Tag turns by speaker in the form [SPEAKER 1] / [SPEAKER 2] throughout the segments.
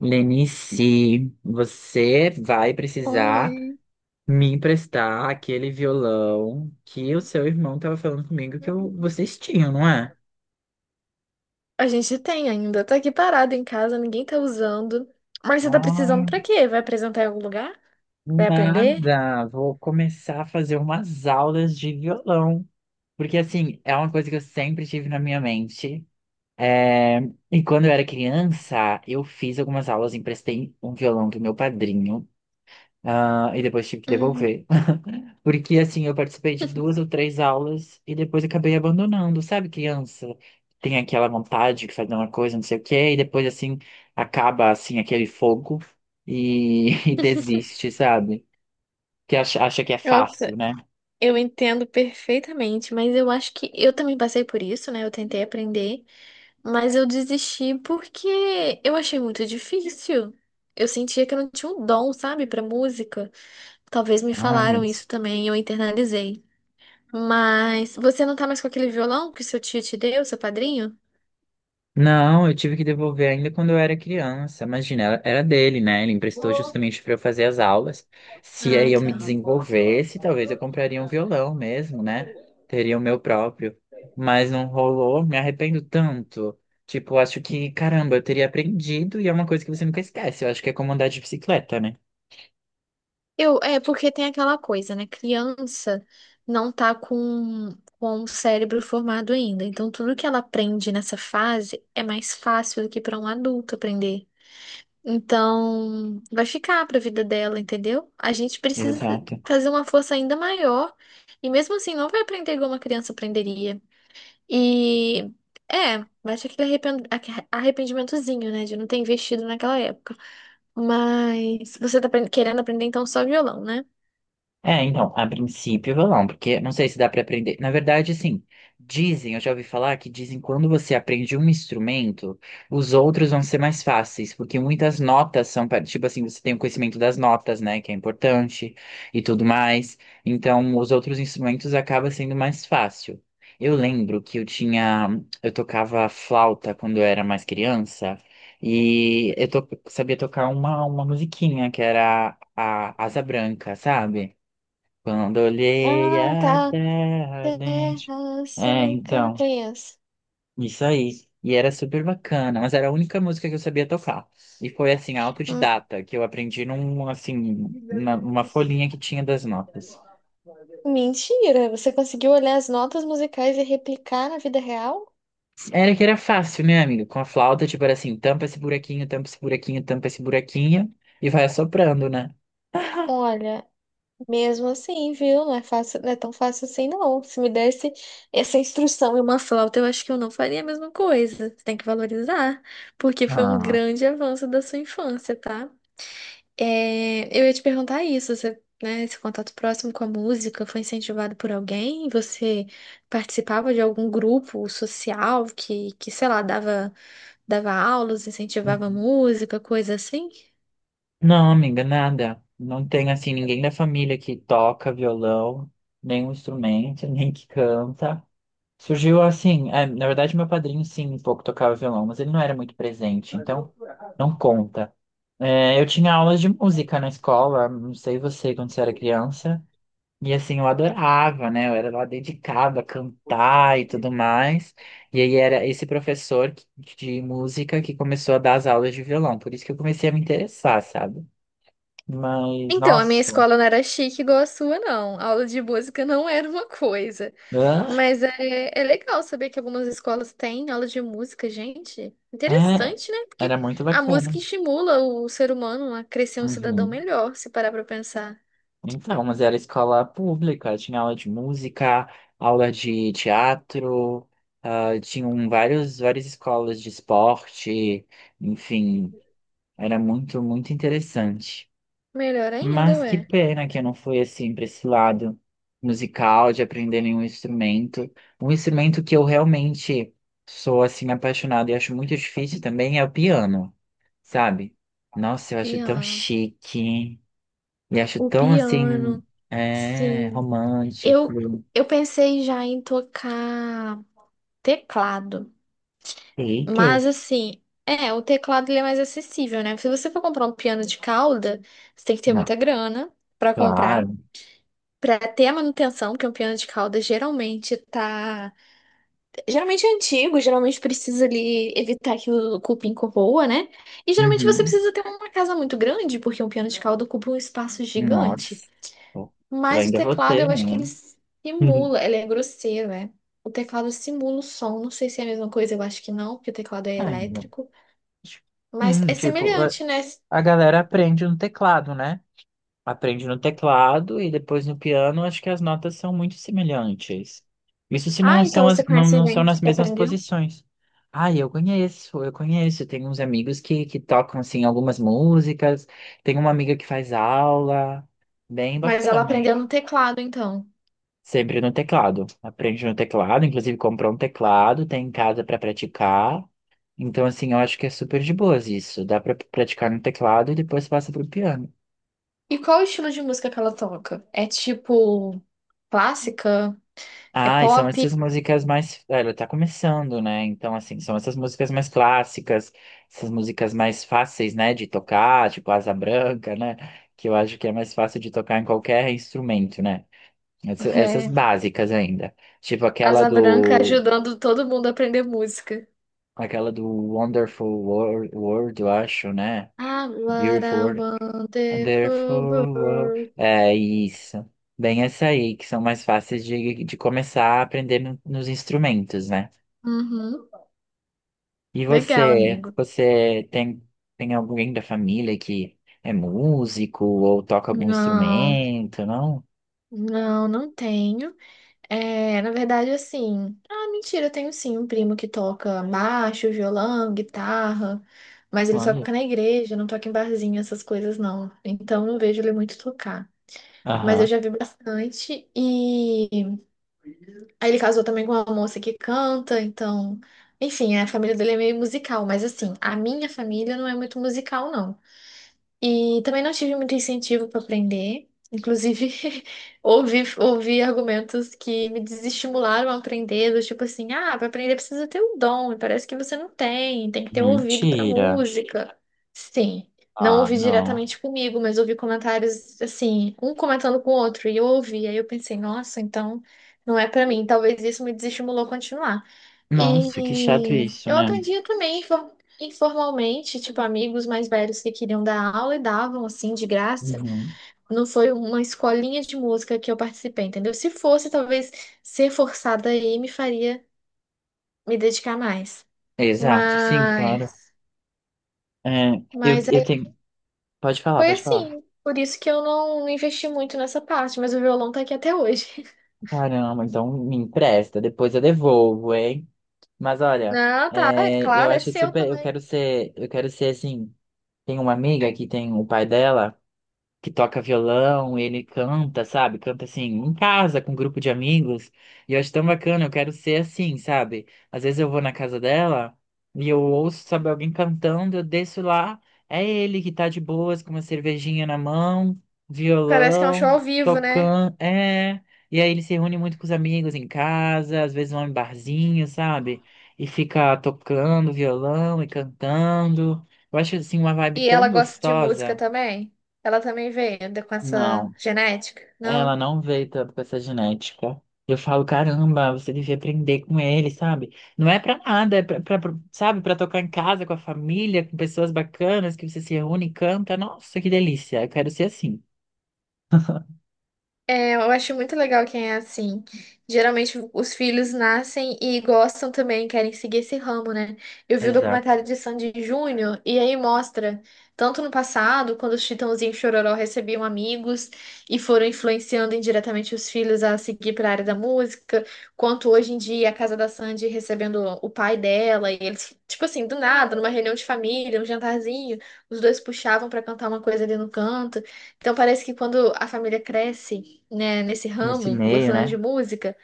[SPEAKER 1] Lenice, você vai
[SPEAKER 2] Oiê.
[SPEAKER 1] precisar me emprestar aquele violão que o seu irmão estava falando comigo que vocês tinham, não é?
[SPEAKER 2] A gente tem ainda. Tá aqui parado em casa, ninguém tá usando. Mas
[SPEAKER 1] Ai,
[SPEAKER 2] será?
[SPEAKER 1] nada. Vou começar a fazer umas aulas de violão. Porque, assim, é uma coisa que eu sempre tive na minha mente. É, E quando eu era criança, eu fiz algumas aulas, emprestei um violão do meu padrinho, e depois tive que
[SPEAKER 2] Uhum.
[SPEAKER 1] devolver. Porque, assim, eu participei de duas ou três aulas e depois acabei abandonando. Sabe, criança tem aquela vontade de fazer uma coisa, não sei o quê, e depois, assim, acaba, assim, aquele fogo e, e desiste, sabe? Que acha que é fácil,
[SPEAKER 2] Nossa,
[SPEAKER 1] né?
[SPEAKER 2] eu entendo perfeitamente, mas eu acho que eu também passei por isso, né? Eu tentei aprender, mas eu desisti porque eu achei muito difícil. Eu sentia que eu não tinha um dom, sabe, pra música. Talvez me
[SPEAKER 1] Ai,
[SPEAKER 2] falaram isso também e eu internalizei. Mas você não tá mais com aquele violão que seu tio te deu, seu padrinho?
[SPEAKER 1] não, eu tive que devolver ainda quando eu era criança. Imagina, era dele, né? Ele emprestou justamente para eu fazer as aulas. Se
[SPEAKER 2] Ah,
[SPEAKER 1] aí eu me
[SPEAKER 2] tá.
[SPEAKER 1] desenvolvesse, talvez eu compraria um violão mesmo, né? Teria o meu próprio. Mas não rolou, me arrependo tanto. Tipo, acho que, caramba, eu teria aprendido e é uma coisa que você nunca esquece. Eu acho que é como andar de bicicleta, né?
[SPEAKER 2] Eu, é porque tem aquela coisa, né? Criança não tá com o cérebro formado ainda. Então, tudo que ela aprende nessa fase é mais fácil do que para um adulto aprender. Então, vai ficar para a vida dela, entendeu? A gente
[SPEAKER 1] Uhum.
[SPEAKER 2] precisa
[SPEAKER 1] Exato.
[SPEAKER 2] fazer uma força ainda maior. E mesmo assim, não vai aprender igual uma criança aprenderia. E é, vai ter aquele arrependimentozinho, né? De não ter investido naquela época. Mas você tá querendo aprender então só violão, né?
[SPEAKER 1] É, então, a princípio violão, porque não sei se dá pra aprender. Na verdade, assim, dizem, eu já ouvi falar que dizem que quando você aprende um instrumento, os outros vão ser mais fáceis, porque muitas notas são, tipo assim, você tem o conhecimento das notas, né, que é importante e tudo mais. Então, os outros instrumentos acaba sendo mais fácil. Eu lembro que eu tocava flauta quando eu era mais criança. E sabia tocar uma musiquinha que era a Asa Branca, sabe? Quando olhei
[SPEAKER 2] Ah,
[SPEAKER 1] a
[SPEAKER 2] tá.
[SPEAKER 1] terra ardente.
[SPEAKER 2] Terra
[SPEAKER 1] É, então,
[SPEAKER 2] cicatriz.
[SPEAKER 1] isso aí. E era super bacana, mas era a única música que eu sabia tocar. E foi assim,
[SPEAKER 2] Hum.
[SPEAKER 1] autodidata, que eu aprendi num, assim, numa folhinha que tinha das notas.
[SPEAKER 2] Mentira, você conseguiu olhar as notas musicais e replicar na vida real?
[SPEAKER 1] Era que era fácil, né, amiga? Com a flauta, tipo, era assim, tampa esse buraquinho, tampa esse buraquinho, tampa esse buraquinho, e vai assoprando, né?
[SPEAKER 2] Olha, mesmo assim, viu? Não é fácil, não é tão fácil assim, não. Se me desse essa instrução e uma flauta, eu acho que eu não faria a mesma coisa. Você tem que valorizar, porque foi um
[SPEAKER 1] Ah,
[SPEAKER 2] grande avanço da sua infância, tá? É, eu ia te perguntar isso, você, né, esse contato próximo com a música foi incentivado por alguém? Você participava de algum grupo social que, sei lá, dava aulas, incentivava
[SPEAKER 1] uhum.
[SPEAKER 2] música, coisa assim?
[SPEAKER 1] Não, amiga, nada. Não tem, assim, ninguém da família que toca violão, nem um instrumento, nem que canta. Surgiu assim, é, na verdade meu padrinho sim, um pouco tocava violão, mas ele não era muito presente, então não conta. É, eu tinha aulas de música na escola, não sei você, quando você era criança, e assim, eu adorava, né? Eu era lá dedicada a cantar e tudo mais, e aí era esse de música que começou a dar as aulas de violão, por isso que eu comecei a me interessar, sabe? Mas,
[SPEAKER 2] Então, a minha
[SPEAKER 1] nossa,
[SPEAKER 2] escola não era chique igual a sua, não. A aula de música não era uma coisa.
[SPEAKER 1] hã?
[SPEAKER 2] Mas é, é legal saber que algumas escolas têm aula de música, gente.
[SPEAKER 1] É,
[SPEAKER 2] Interessante, né? Porque
[SPEAKER 1] era muito
[SPEAKER 2] a
[SPEAKER 1] bacana.
[SPEAKER 2] música estimula o ser humano a crescer um cidadão
[SPEAKER 1] Uhum.
[SPEAKER 2] melhor, se parar pra pensar.
[SPEAKER 1] Então, mas era escola pública, tinha aula de música, aula de teatro, tinham vários, várias escolas de esporte, enfim, era muito interessante.
[SPEAKER 2] Melhor ainda,
[SPEAKER 1] Mas que
[SPEAKER 2] ué.
[SPEAKER 1] pena que eu não fui assim para esse lado musical, de aprender nenhum instrumento. Um instrumento que eu realmente sou assim apaixonado e acho muito difícil também é o piano, sabe? Nossa, eu acho tão
[SPEAKER 2] Piano.
[SPEAKER 1] chique. E acho
[SPEAKER 2] O
[SPEAKER 1] tão assim,
[SPEAKER 2] piano,
[SPEAKER 1] é,
[SPEAKER 2] sim. Eu,
[SPEAKER 1] romântico.
[SPEAKER 2] eu pensei já em tocar teclado.
[SPEAKER 1] Eita,
[SPEAKER 2] Mas assim, é, o teclado ele é mais acessível, né? Se você for comprar um piano de cauda, você tem que ter
[SPEAKER 1] não,
[SPEAKER 2] muita grana pra comprar.
[SPEAKER 1] claro.
[SPEAKER 2] Pra ter a manutenção, porque um piano de cauda geralmente tá. Geralmente é antigo, geralmente precisa ali evitar que o cupim corroa, né? E geralmente você
[SPEAKER 1] Uhum.
[SPEAKER 2] precisa ter uma casa muito grande, porque um piano de cauda ocupa um espaço gigante.
[SPEAKER 1] Nossa. Eu
[SPEAKER 2] Mas o
[SPEAKER 1] ainda vou
[SPEAKER 2] teclado,
[SPEAKER 1] ter,
[SPEAKER 2] eu acho que ele
[SPEAKER 1] menino. Uhum.
[SPEAKER 2] simula, ele é grosseiro, né? O teclado simula o som. Não sei se é a mesma coisa, eu acho que não, porque o teclado é
[SPEAKER 1] Ai, meu.
[SPEAKER 2] elétrico. Mas
[SPEAKER 1] Sim,
[SPEAKER 2] é
[SPEAKER 1] tipo, a
[SPEAKER 2] semelhante, né?
[SPEAKER 1] a galera aprende no teclado, né? Aprende no teclado e depois no piano, acho que as notas são muito semelhantes. Isso se não
[SPEAKER 2] Ah, então
[SPEAKER 1] são, as,
[SPEAKER 2] você conhece
[SPEAKER 1] não são
[SPEAKER 2] gente
[SPEAKER 1] nas
[SPEAKER 2] que
[SPEAKER 1] mesmas
[SPEAKER 2] aprendeu?
[SPEAKER 1] posições. Ah, eu conheço. Tem uns amigos que tocam, assim, algumas músicas. Tem uma amiga que faz aula. Bem
[SPEAKER 2] Mas ela
[SPEAKER 1] bacana.
[SPEAKER 2] aprendeu no teclado, então.
[SPEAKER 1] Sempre no teclado. Aprende no teclado, inclusive comprou um teclado, tem em casa para praticar. Então, assim, eu acho que é super de boas isso. Dá para praticar no teclado e depois passa para o piano.
[SPEAKER 2] E qual o estilo de música que ela toca? É tipo clássica? É
[SPEAKER 1] Ah, e são
[SPEAKER 2] pop?
[SPEAKER 1] essas músicas mais. Ela tá começando, né? Então, assim, são essas músicas mais clássicas, essas músicas mais fáceis, né, de tocar, tipo Asa Branca, né? Que eu acho que é mais fácil de tocar em qualquer instrumento, né? Essas,
[SPEAKER 2] É
[SPEAKER 1] básicas ainda. Tipo aquela
[SPEAKER 2] Asa Branca
[SPEAKER 1] do.
[SPEAKER 2] ajudando todo mundo a aprender música.
[SPEAKER 1] Aquela do World, eu acho, né?
[SPEAKER 2] Ah, what
[SPEAKER 1] Beautiful
[SPEAKER 2] a
[SPEAKER 1] World. Wonderful
[SPEAKER 2] wonderful
[SPEAKER 1] World.
[SPEAKER 2] world.
[SPEAKER 1] É isso. Bem, essa aí, que são mais fáceis de começar a aprender nos instrumentos, né?
[SPEAKER 2] Uhum.
[SPEAKER 1] E
[SPEAKER 2] Legal, amigo.
[SPEAKER 1] você tem, tem alguém da família que é músico ou toca algum
[SPEAKER 2] Não,
[SPEAKER 1] instrumento, não?
[SPEAKER 2] não tenho. É, na verdade, assim. Ah, mentira, eu tenho sim um primo que toca baixo, violão, guitarra, mas ele
[SPEAKER 1] Olha.
[SPEAKER 2] toca na igreja, não toca em barzinho, essas coisas não. Então, não vejo ele muito tocar. Mas eu
[SPEAKER 1] Aham.
[SPEAKER 2] já vi bastante. E aí ele casou também com uma moça que canta, então. Enfim, a família dele é meio musical, mas assim, a minha família não é muito musical, não. E também não tive muito incentivo para aprender. Inclusive, ouvi argumentos que me desestimularam a aprender, do tipo assim, ah, para aprender precisa ter um dom, e parece que você não tem, tem que ter um ouvido para
[SPEAKER 1] Mentira.
[SPEAKER 2] música. Sim, não
[SPEAKER 1] Ah,
[SPEAKER 2] ouvi
[SPEAKER 1] não.
[SPEAKER 2] diretamente comigo, mas ouvi comentários assim, um comentando com o outro, e eu ouvi, aí eu pensei, nossa, então não é para mim. Talvez isso me desestimulou a continuar.
[SPEAKER 1] Nossa, que chato
[SPEAKER 2] E
[SPEAKER 1] isso,
[SPEAKER 2] eu
[SPEAKER 1] né?
[SPEAKER 2] aprendi também informalmente, tipo, amigos mais velhos que queriam dar aula e davam, assim, de graça.
[SPEAKER 1] Uhum.
[SPEAKER 2] Não foi uma escolinha de música que eu participei, entendeu? Se fosse, talvez ser forçada aí me faria me dedicar mais.
[SPEAKER 1] Exato, sim, claro.
[SPEAKER 2] Mas,
[SPEAKER 1] É, eu
[SPEAKER 2] aí
[SPEAKER 1] tenho. Pode falar,
[SPEAKER 2] foi
[SPEAKER 1] pode falar.
[SPEAKER 2] assim. Por isso que eu não investi muito nessa parte, mas o violão tá aqui até hoje.
[SPEAKER 1] Caramba, então me empresta, depois eu devolvo, hein? Mas olha,
[SPEAKER 2] Não, tá, é
[SPEAKER 1] é, eu
[SPEAKER 2] claro, é
[SPEAKER 1] acho
[SPEAKER 2] seu
[SPEAKER 1] super. Eu
[SPEAKER 2] também.
[SPEAKER 1] quero ser. Eu quero ser assim. Tem uma amiga que tem o pai dela, que toca violão, ele canta, sabe? Canta assim, em casa, com um grupo de amigos. E eu acho tão bacana, eu quero ser assim, sabe? Às vezes eu vou na casa dela e eu ouço, sabe, alguém cantando, eu desço lá, é ele que tá de boas, com uma cervejinha na mão,
[SPEAKER 2] Parece que é um show
[SPEAKER 1] violão,
[SPEAKER 2] ao vivo, né?
[SPEAKER 1] tocando, é. E aí ele se reúne muito com os amigos em casa, às vezes vão em barzinho, sabe? E fica tocando violão e cantando. Eu acho assim uma vibe
[SPEAKER 2] E
[SPEAKER 1] tão
[SPEAKER 2] ela gosta de música
[SPEAKER 1] gostosa.
[SPEAKER 2] também? Ela também veio com essa
[SPEAKER 1] Não.
[SPEAKER 2] genética?
[SPEAKER 1] Ela
[SPEAKER 2] Não?
[SPEAKER 1] não veio tanto com essa genética. Eu falo, caramba, você devia aprender com ele, sabe? Não é pra nada, é sabe, pra tocar em casa com a família, com pessoas bacanas, que você se reúne e canta. Nossa, que delícia, eu quero ser assim.
[SPEAKER 2] É, eu acho muito legal quem é assim. Geralmente os filhos nascem e gostam também, querem seguir esse ramo, né? Eu vi o
[SPEAKER 1] Exato.
[SPEAKER 2] documentário de Sandy Júnior e aí mostra, tanto no passado, quando os Chitãozinho e Chororó recebiam amigos e foram influenciando indiretamente os filhos a seguir para a área da música, quanto hoje em dia a casa da Sandy recebendo o pai dela e eles, tipo assim, do nada, numa reunião de família, um jantarzinho, os dois puxavam para cantar uma coisa ali no canto. Então parece que quando a família cresce, né, nesse
[SPEAKER 1] Nesse
[SPEAKER 2] ramo,
[SPEAKER 1] meio,
[SPEAKER 2] gostando
[SPEAKER 1] né?
[SPEAKER 2] de música,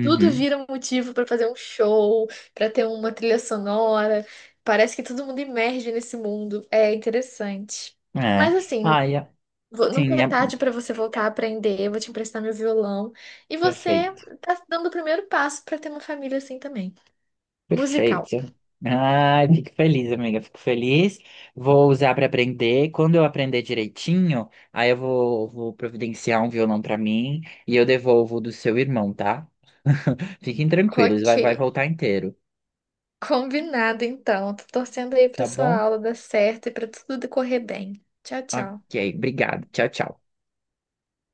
[SPEAKER 2] tudo vira um motivo pra fazer um show, pra ter uma trilha sonora. Parece que todo mundo emerge nesse mundo. É interessante.
[SPEAKER 1] É.
[SPEAKER 2] Mas assim,
[SPEAKER 1] Ai,
[SPEAKER 2] nunca
[SPEAKER 1] sim,
[SPEAKER 2] é
[SPEAKER 1] é
[SPEAKER 2] tarde pra você voltar a aprender. Eu vou te emprestar meu violão. E você
[SPEAKER 1] perfeito.
[SPEAKER 2] tá dando o primeiro passo pra ter uma família assim também, musical.
[SPEAKER 1] Perfeito. Ai, fico feliz, amiga, fico feliz. Vou usar para aprender. Quando eu aprender direitinho, aí vou providenciar um violão para mim e eu devolvo o do seu irmão, tá? Fiquem tranquilos,
[SPEAKER 2] Ok.
[SPEAKER 1] vai voltar inteiro,
[SPEAKER 2] Combinado, então. Tô torcendo aí pra
[SPEAKER 1] tá
[SPEAKER 2] sua
[SPEAKER 1] bom?
[SPEAKER 2] aula dar certo e pra tudo decorrer bem. Tchau, tchau.
[SPEAKER 1] Ok, obrigado. Tchau, tchau.